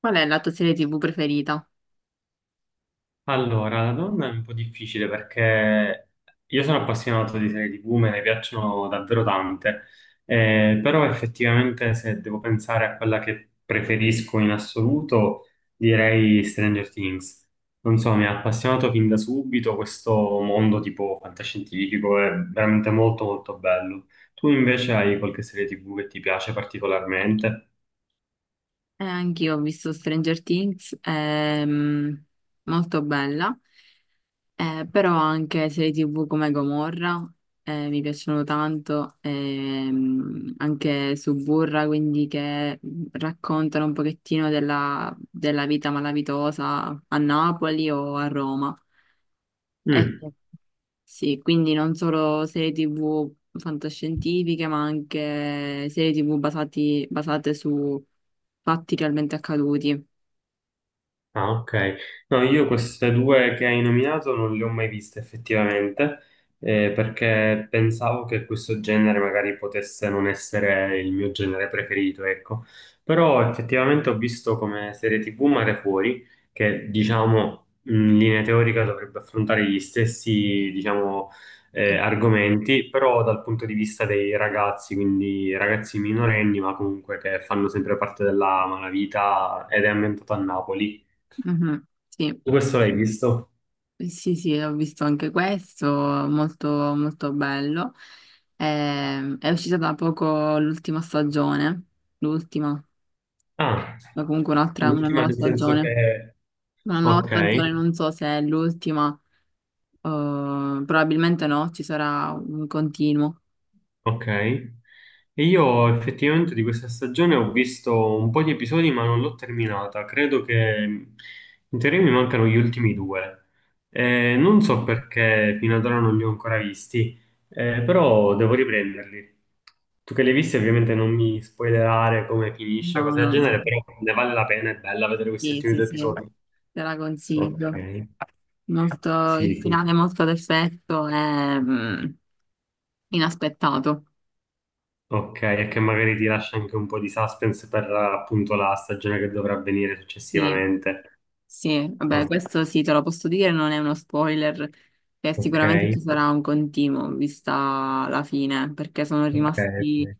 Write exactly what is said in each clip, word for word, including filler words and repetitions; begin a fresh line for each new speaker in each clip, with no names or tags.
Qual è la tua serie ti vu preferita?
Allora, la donna è un po' difficile perché io sono appassionato di serie tivù, me ne piacciono davvero tante, eh, però effettivamente se devo pensare a quella che preferisco in assoluto, direi Stranger Things. Non so, mi ha appassionato fin da subito questo mondo tipo fantascientifico, è veramente molto molto bello. Tu invece hai qualche serie tivù che ti piace particolarmente?
Eh, anch'io ho visto Stranger Things, ehm, molto bella, eh, però anche serie ti vu come Gomorra, eh, mi piacciono tanto, ehm, anche Suburra, quindi che raccontano un pochettino della, della vita malavitosa a Napoli o a Roma. Eh,
Mm.
Sì, quindi non solo serie ti vu fantascientifiche, ma anche serie ti vu basati- basate su fatti realmente accaduti.
Ah, ok. No, io queste due che hai nominato non le ho mai viste effettivamente, eh, perché pensavo che questo genere magari potesse non essere il mio genere preferito, ecco. Però effettivamente ho visto come serie ti vu Mare Fuori, che diciamo in linea teorica dovrebbe affrontare gli stessi, diciamo, eh,
Sì,
argomenti, però dal punto di vista dei ragazzi, quindi ragazzi minorenni, ma comunque che fanno sempre parte della malavita ed è ambientato a Napoli.
mhm, sì,
Tu questo l'hai visto?
sì, sì, ho visto anche questo, molto, molto bello. Ehm, è uscita da poco l'ultima stagione, l'ultima,
Ah,
ma comunque un'altra, una
l'ultima
nuova
nel senso
stagione.
che...
Una nuova
Ok,
stagione, non so se è l'ultima, eh, probabilmente no, ci sarà un continuo.
ok. E io effettivamente di questa stagione ho visto un po' di episodi, ma non l'ho terminata. Credo che in teoria mi mancano gli ultimi due. Eh, non so perché fino ad ora non li ho ancora visti, eh, però devo riprenderli. Tu che li hai visti, ovviamente non mi spoilerare come finisce,
No,
cose del
no, no.
genere, però ne vale la pena, è bella vedere questi
Sì,
ultimi
sì,
due
sì,
episodi.
te la
Ok,
consiglio. Molto- il
sì, sì.
finale è molto ad effetto e mm, inaspettato.
Ok, e che magari ti lascia anche un po' di suspense per appunto la stagione che dovrà avvenire
Sì,
successivamente.
sì, vabbè,
Oh,
questo sì, te lo posso dire, non è uno spoiler, che
ok,
sicuramente ci sarà un continuo, vista la fine, perché sono
ok,
rimasti
ok.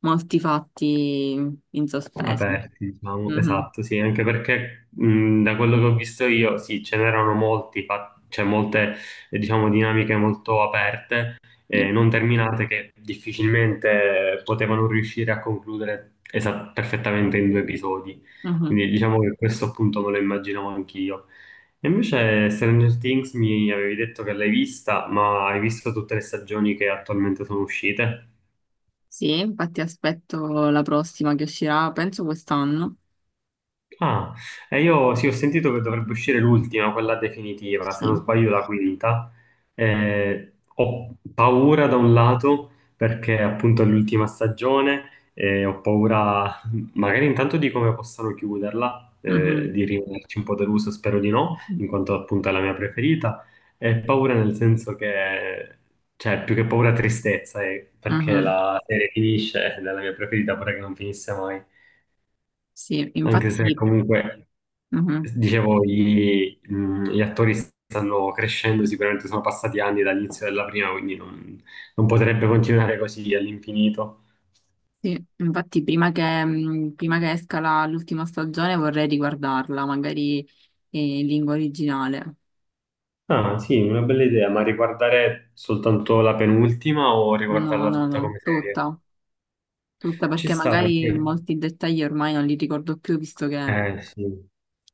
molti fatti in sospeso.
Aperti, diciamo,
Mhm,
esatto, sì, anche perché mh, da quello che ho visto io, sì, ce n'erano molti, fa- cioè molte, eh, diciamo, dinamiche molto aperte,
sì.
eh, non terminate, che difficilmente potevano riuscire a concludere esa- perfettamente in due episodi.
Mhm.
Quindi diciamo che questo appunto me lo immaginavo anch'io. E invece Stranger Things mi avevi detto che l'hai vista, ma hai visto tutte le stagioni che attualmente sono uscite?
Sì, infatti aspetto la prossima che uscirà, penso quest'anno.
Ah, e io sì, ho sentito che dovrebbe uscire l'ultima, quella definitiva, se non
Sì.
sbaglio la quinta. Eh, ho paura da un lato perché appunto è l'ultima stagione e ho paura magari intanto di come possano chiuderla, eh,
Mhm.
di rimanerci un po' deluso, spero di no, in quanto appunto è la mia preferita, e paura nel senso che, cioè più che paura tristezza, eh, perché
Mhm.
la serie finisce ed è la mia preferita, pure che non finisse mai,
Sì,
anche se
infatti,
comunque...
mhm.
Dicevo, gli, mh, gli attori stanno crescendo, sicuramente sono passati anni dall'inizio della prima, quindi non, non potrebbe continuare così all'infinito.
Sì, infatti prima che, mh, prima che esca la- l'ultima stagione vorrei riguardarla, magari eh, in lingua originale.
Ah, sì, una bella idea, ma riguardare soltanto la penultima o
No,
riguardarla
no,
tutta
no,
come serie?
tutta, tutta
Ci
perché
sta
magari
perché,
molti dettagli ormai non li ricordo più visto che,
eh sì,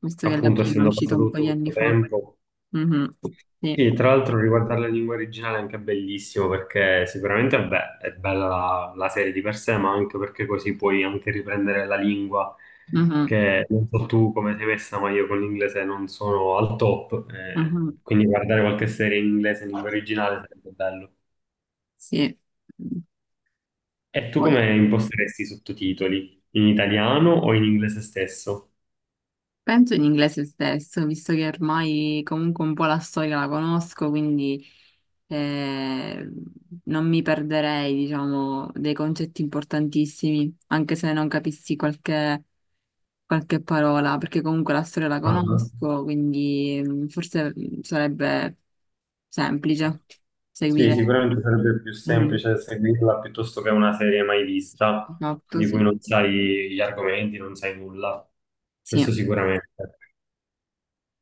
visto che la
appunto,
prima è
essendo
uscita
passato
un po'
tutto
di anni
questo
fa.
tempo.
Mhm. Sì,
Sì, tra l'altro riguardare la lingua originale è anche bellissimo perché sicuramente vabbè, è bella la, la serie di per sé, ma anche perché così puoi anche riprendere la lingua
mhm.
che non so tu come sei messa, ma io con l'inglese non sono al top, eh,
Mhm.
quindi guardare qualche serie in inglese in lingua originale sarebbe bello.
Sì.
E tu
Poi-
come imposteresti i sottotitoli? In italiano o in inglese stesso?
Penso in inglese stesso, visto che ormai comunque un po' la storia la conosco, quindi eh, non mi perderei, diciamo, dei concetti importantissimi, anche se non capissi qualche, qualche parola, perché comunque la storia la
Ah.
conosco, quindi mm, forse mm, sarebbe semplice
Sì,
seguire
sicuramente sarebbe più
un
semplice seguirla piuttosto che una serie mai vista,
fatto,
di cui
sì.
non sai gli argomenti, non sai nulla.
Sì.
Questo sicuramente.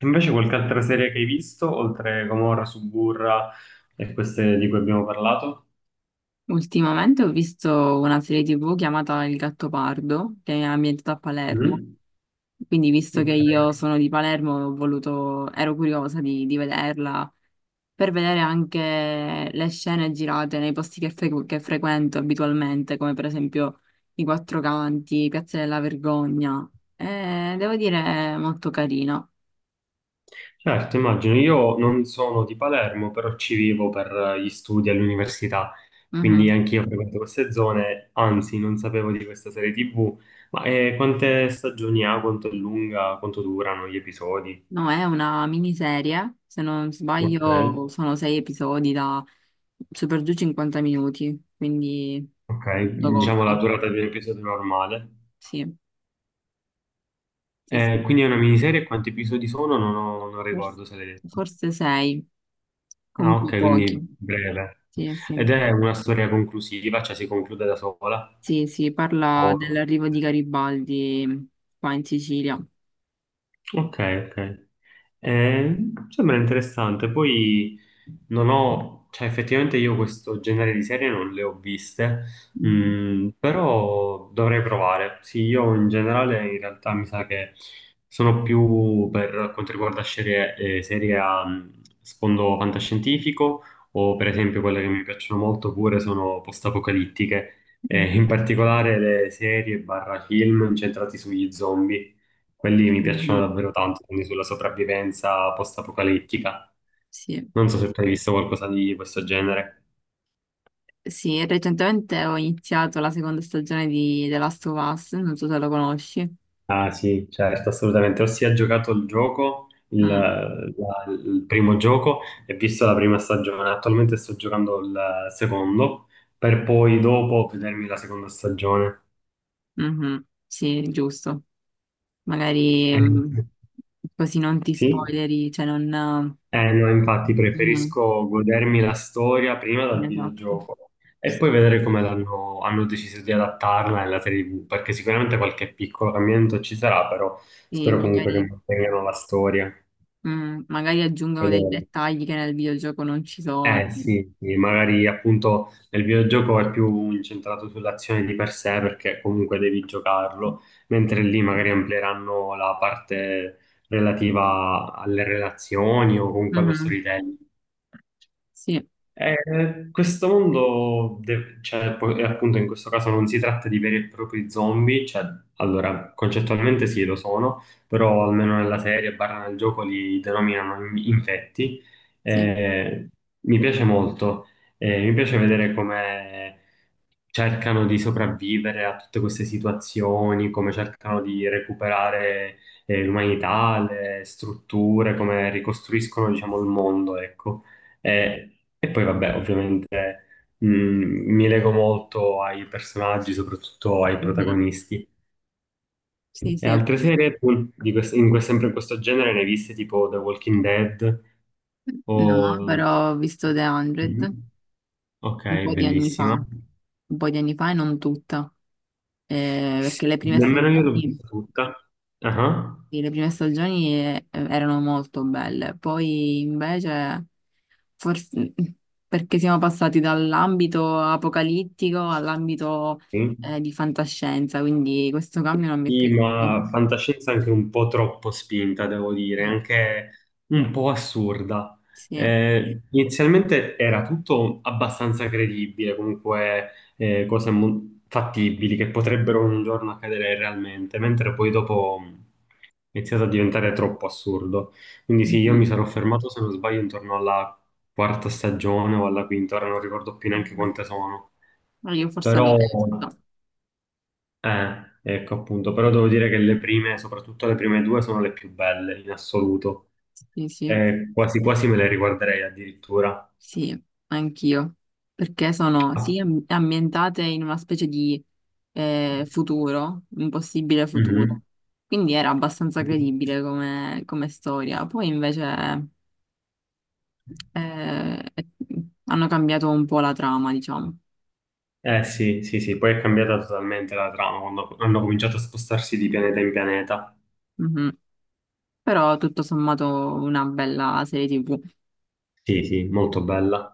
Invece qualche altra serie che hai visto, oltre Gomorra, Suburra e queste di cui abbiamo parlato?
Ultimamente ho visto una serie ti vu chiamata Il Gattopardo, che è ambientata a Palermo.
Mm?
Quindi, visto che
Ok.
io sono di Palermo, ho voluto, ero curiosa di, di vederla per vedere anche le scene girate nei posti che, fre- che frequento abitualmente, come per esempio i Quattro Canti, Piazza della Vergogna. Eh, devo dire, è molto carina.
Certo, immagino, io non sono di Palermo, però ci vivo per eh, gli studi all'università, quindi
Mhm.
anch'io frequento queste zone, anzi non sapevo di questa serie tivù, ma eh, quante stagioni ha, quanto è lunga, quanto durano gli episodi?
No, è una miniserie, se non
Ok,
sbaglio, sono sei episodi da super giù cinquanta minuti, quindi
ok,
molto
diciamo la
corta.
durata di un episodio normale.
Sì, sì,
Eh,
sì.
quindi è una miniserie, quanti episodi sono? Non, ho- non
Forse,
ricordo se l'hai detto.
forse sei.
Ah, ok,
Comunque pochi,
quindi breve.
sì,
Ed
sì,
è una storia conclusiva, cioè si conclude da sola.
sì, sì, parla
Oh.
dell'arrivo di Garibaldi qua in Sicilia.
Ok, ok. Eh, Sembra interessante. Poi non ho, cioè effettivamente io questo genere di serie non le ho viste,
Mhm.
mm, però dovrei provare. Sì, io in generale in realtà mi sa che sono più per quanto riguarda serie, eh, serie a mm, sfondo fantascientifico o per esempio quelle che mi piacciono molto pure sono post-apocalittiche, eh, in particolare le serie barra film incentrati sugli zombie. Quelli mi piacciono
Mhm.
davvero tanto, quindi sulla sopravvivenza post-apocalittica.
Sì,
Non so se tu hai visto qualcosa di questo genere.
sì, recentemente ho iniziato la seconda stagione di The Last of Us, non so se lo conosci.
Ah sì, certo, assolutamente. Ho sia giocato il gioco, il,
Mm.
la- il primo gioco, e visto la prima stagione. Attualmente sto giocando il secondo, per poi dopo vedermi la seconda stagione.
Mhm. Sì, giusto. Magari
Eh,
mm, così non ti
Sì?
spoileri, cioè non...
Eh no, infatti
Mhm.
preferisco godermi la storia prima dal
Esatto,
videogioco e poi
sì.
vedere come l'hanno- hanno deciso di adattarla nella serie tivù, perché sicuramente qualche piccolo cambiamento ci sarà, però
Sì,
spero comunque che
magari,
mantengano la storia.
mm, magari aggiungono dei
Fedele.
dettagli che nel videogioco non ci sono.
Eh sì, sì, magari appunto nel videogioco è più incentrato sull'azione di per sé perché comunque devi giocarlo, mentre lì magari amplieranno la parte relativa alle relazioni o comunque allo
Mhm,
storytelling.
sì,
Eh, questo mondo, de- cioè, po- e appunto in questo caso non si tratta di veri e propri zombie, cioè, allora, concettualmente sì, lo sono, però almeno nella serie, barra nel gioco, li denominano in- infetti.
sì,
Eh, Mi piace molto, eh, mi piace vedere come cercano di sopravvivere a tutte queste situazioni, come cercano di recuperare, eh, l'umanità, le strutture, come ricostruiscono, diciamo, il mondo, ecco. Eh, e poi vabbè, ovviamente mh, mi lego molto ai personaggi, soprattutto ai
mhm,
protagonisti.
sì,
E
sì.
altre serie tu, di quest- in que- sempre in questo genere ne hai viste tipo The Walking Dead
No,
o...
però ho visto The cento
Mhm. Ok,
un po' di anni fa,
bellissima.
un po' di anni fa e non tutta. Eh,
Sì,
perché le prime
nemmeno io l'ho
stagioni,
vista tutta. Ah,
sì, le prime stagioni eh, erano molto belle, poi invece, forse perché siamo passati dall'ambito apocalittico all'ambito
sì.
eh, di fantascienza, quindi questo cambio non mi è
Sì,
piaciuto.
ma fantascienza anche un po' troppo spinta, devo dire,
Sì,
anche un po' assurda.
sì.
Eh, inizialmente era tutto abbastanza credibile, comunque eh, cose mo- fattibili che potrebbero un giorno accadere realmente, mentre poi dopo mh, è iniziato a diventare troppo assurdo. Quindi sì, io mi
Mhm,
sarò fermato, se non sbaglio, intorno alla quarta stagione o alla quinta, ora non ricordo più neanche
mhm.
quante sono.
Ma io forse alla
Però
terza,
eh, ecco appunto, però devo dire che le prime, soprattutto le prime due, sono le più belle in assoluto.
sì, sì.
Eh, quasi quasi me le riguarderei addirittura.
Sì, anch'io, perché sono
Ah,
sì, am- ambientate in una specie di eh, futuro, un possibile
mhm.
futuro. Quindi era abbastanza credibile come, come storia. Poi invece eh, hanno cambiato un po' la trama, diciamo.
Eh sì, sì, sì, poi è cambiata totalmente la trama quando hanno cominciato a spostarsi di pianeta in pianeta.
Mhm. Però tutto sommato una bella serie ti vu.
Sì, sì, molto bella.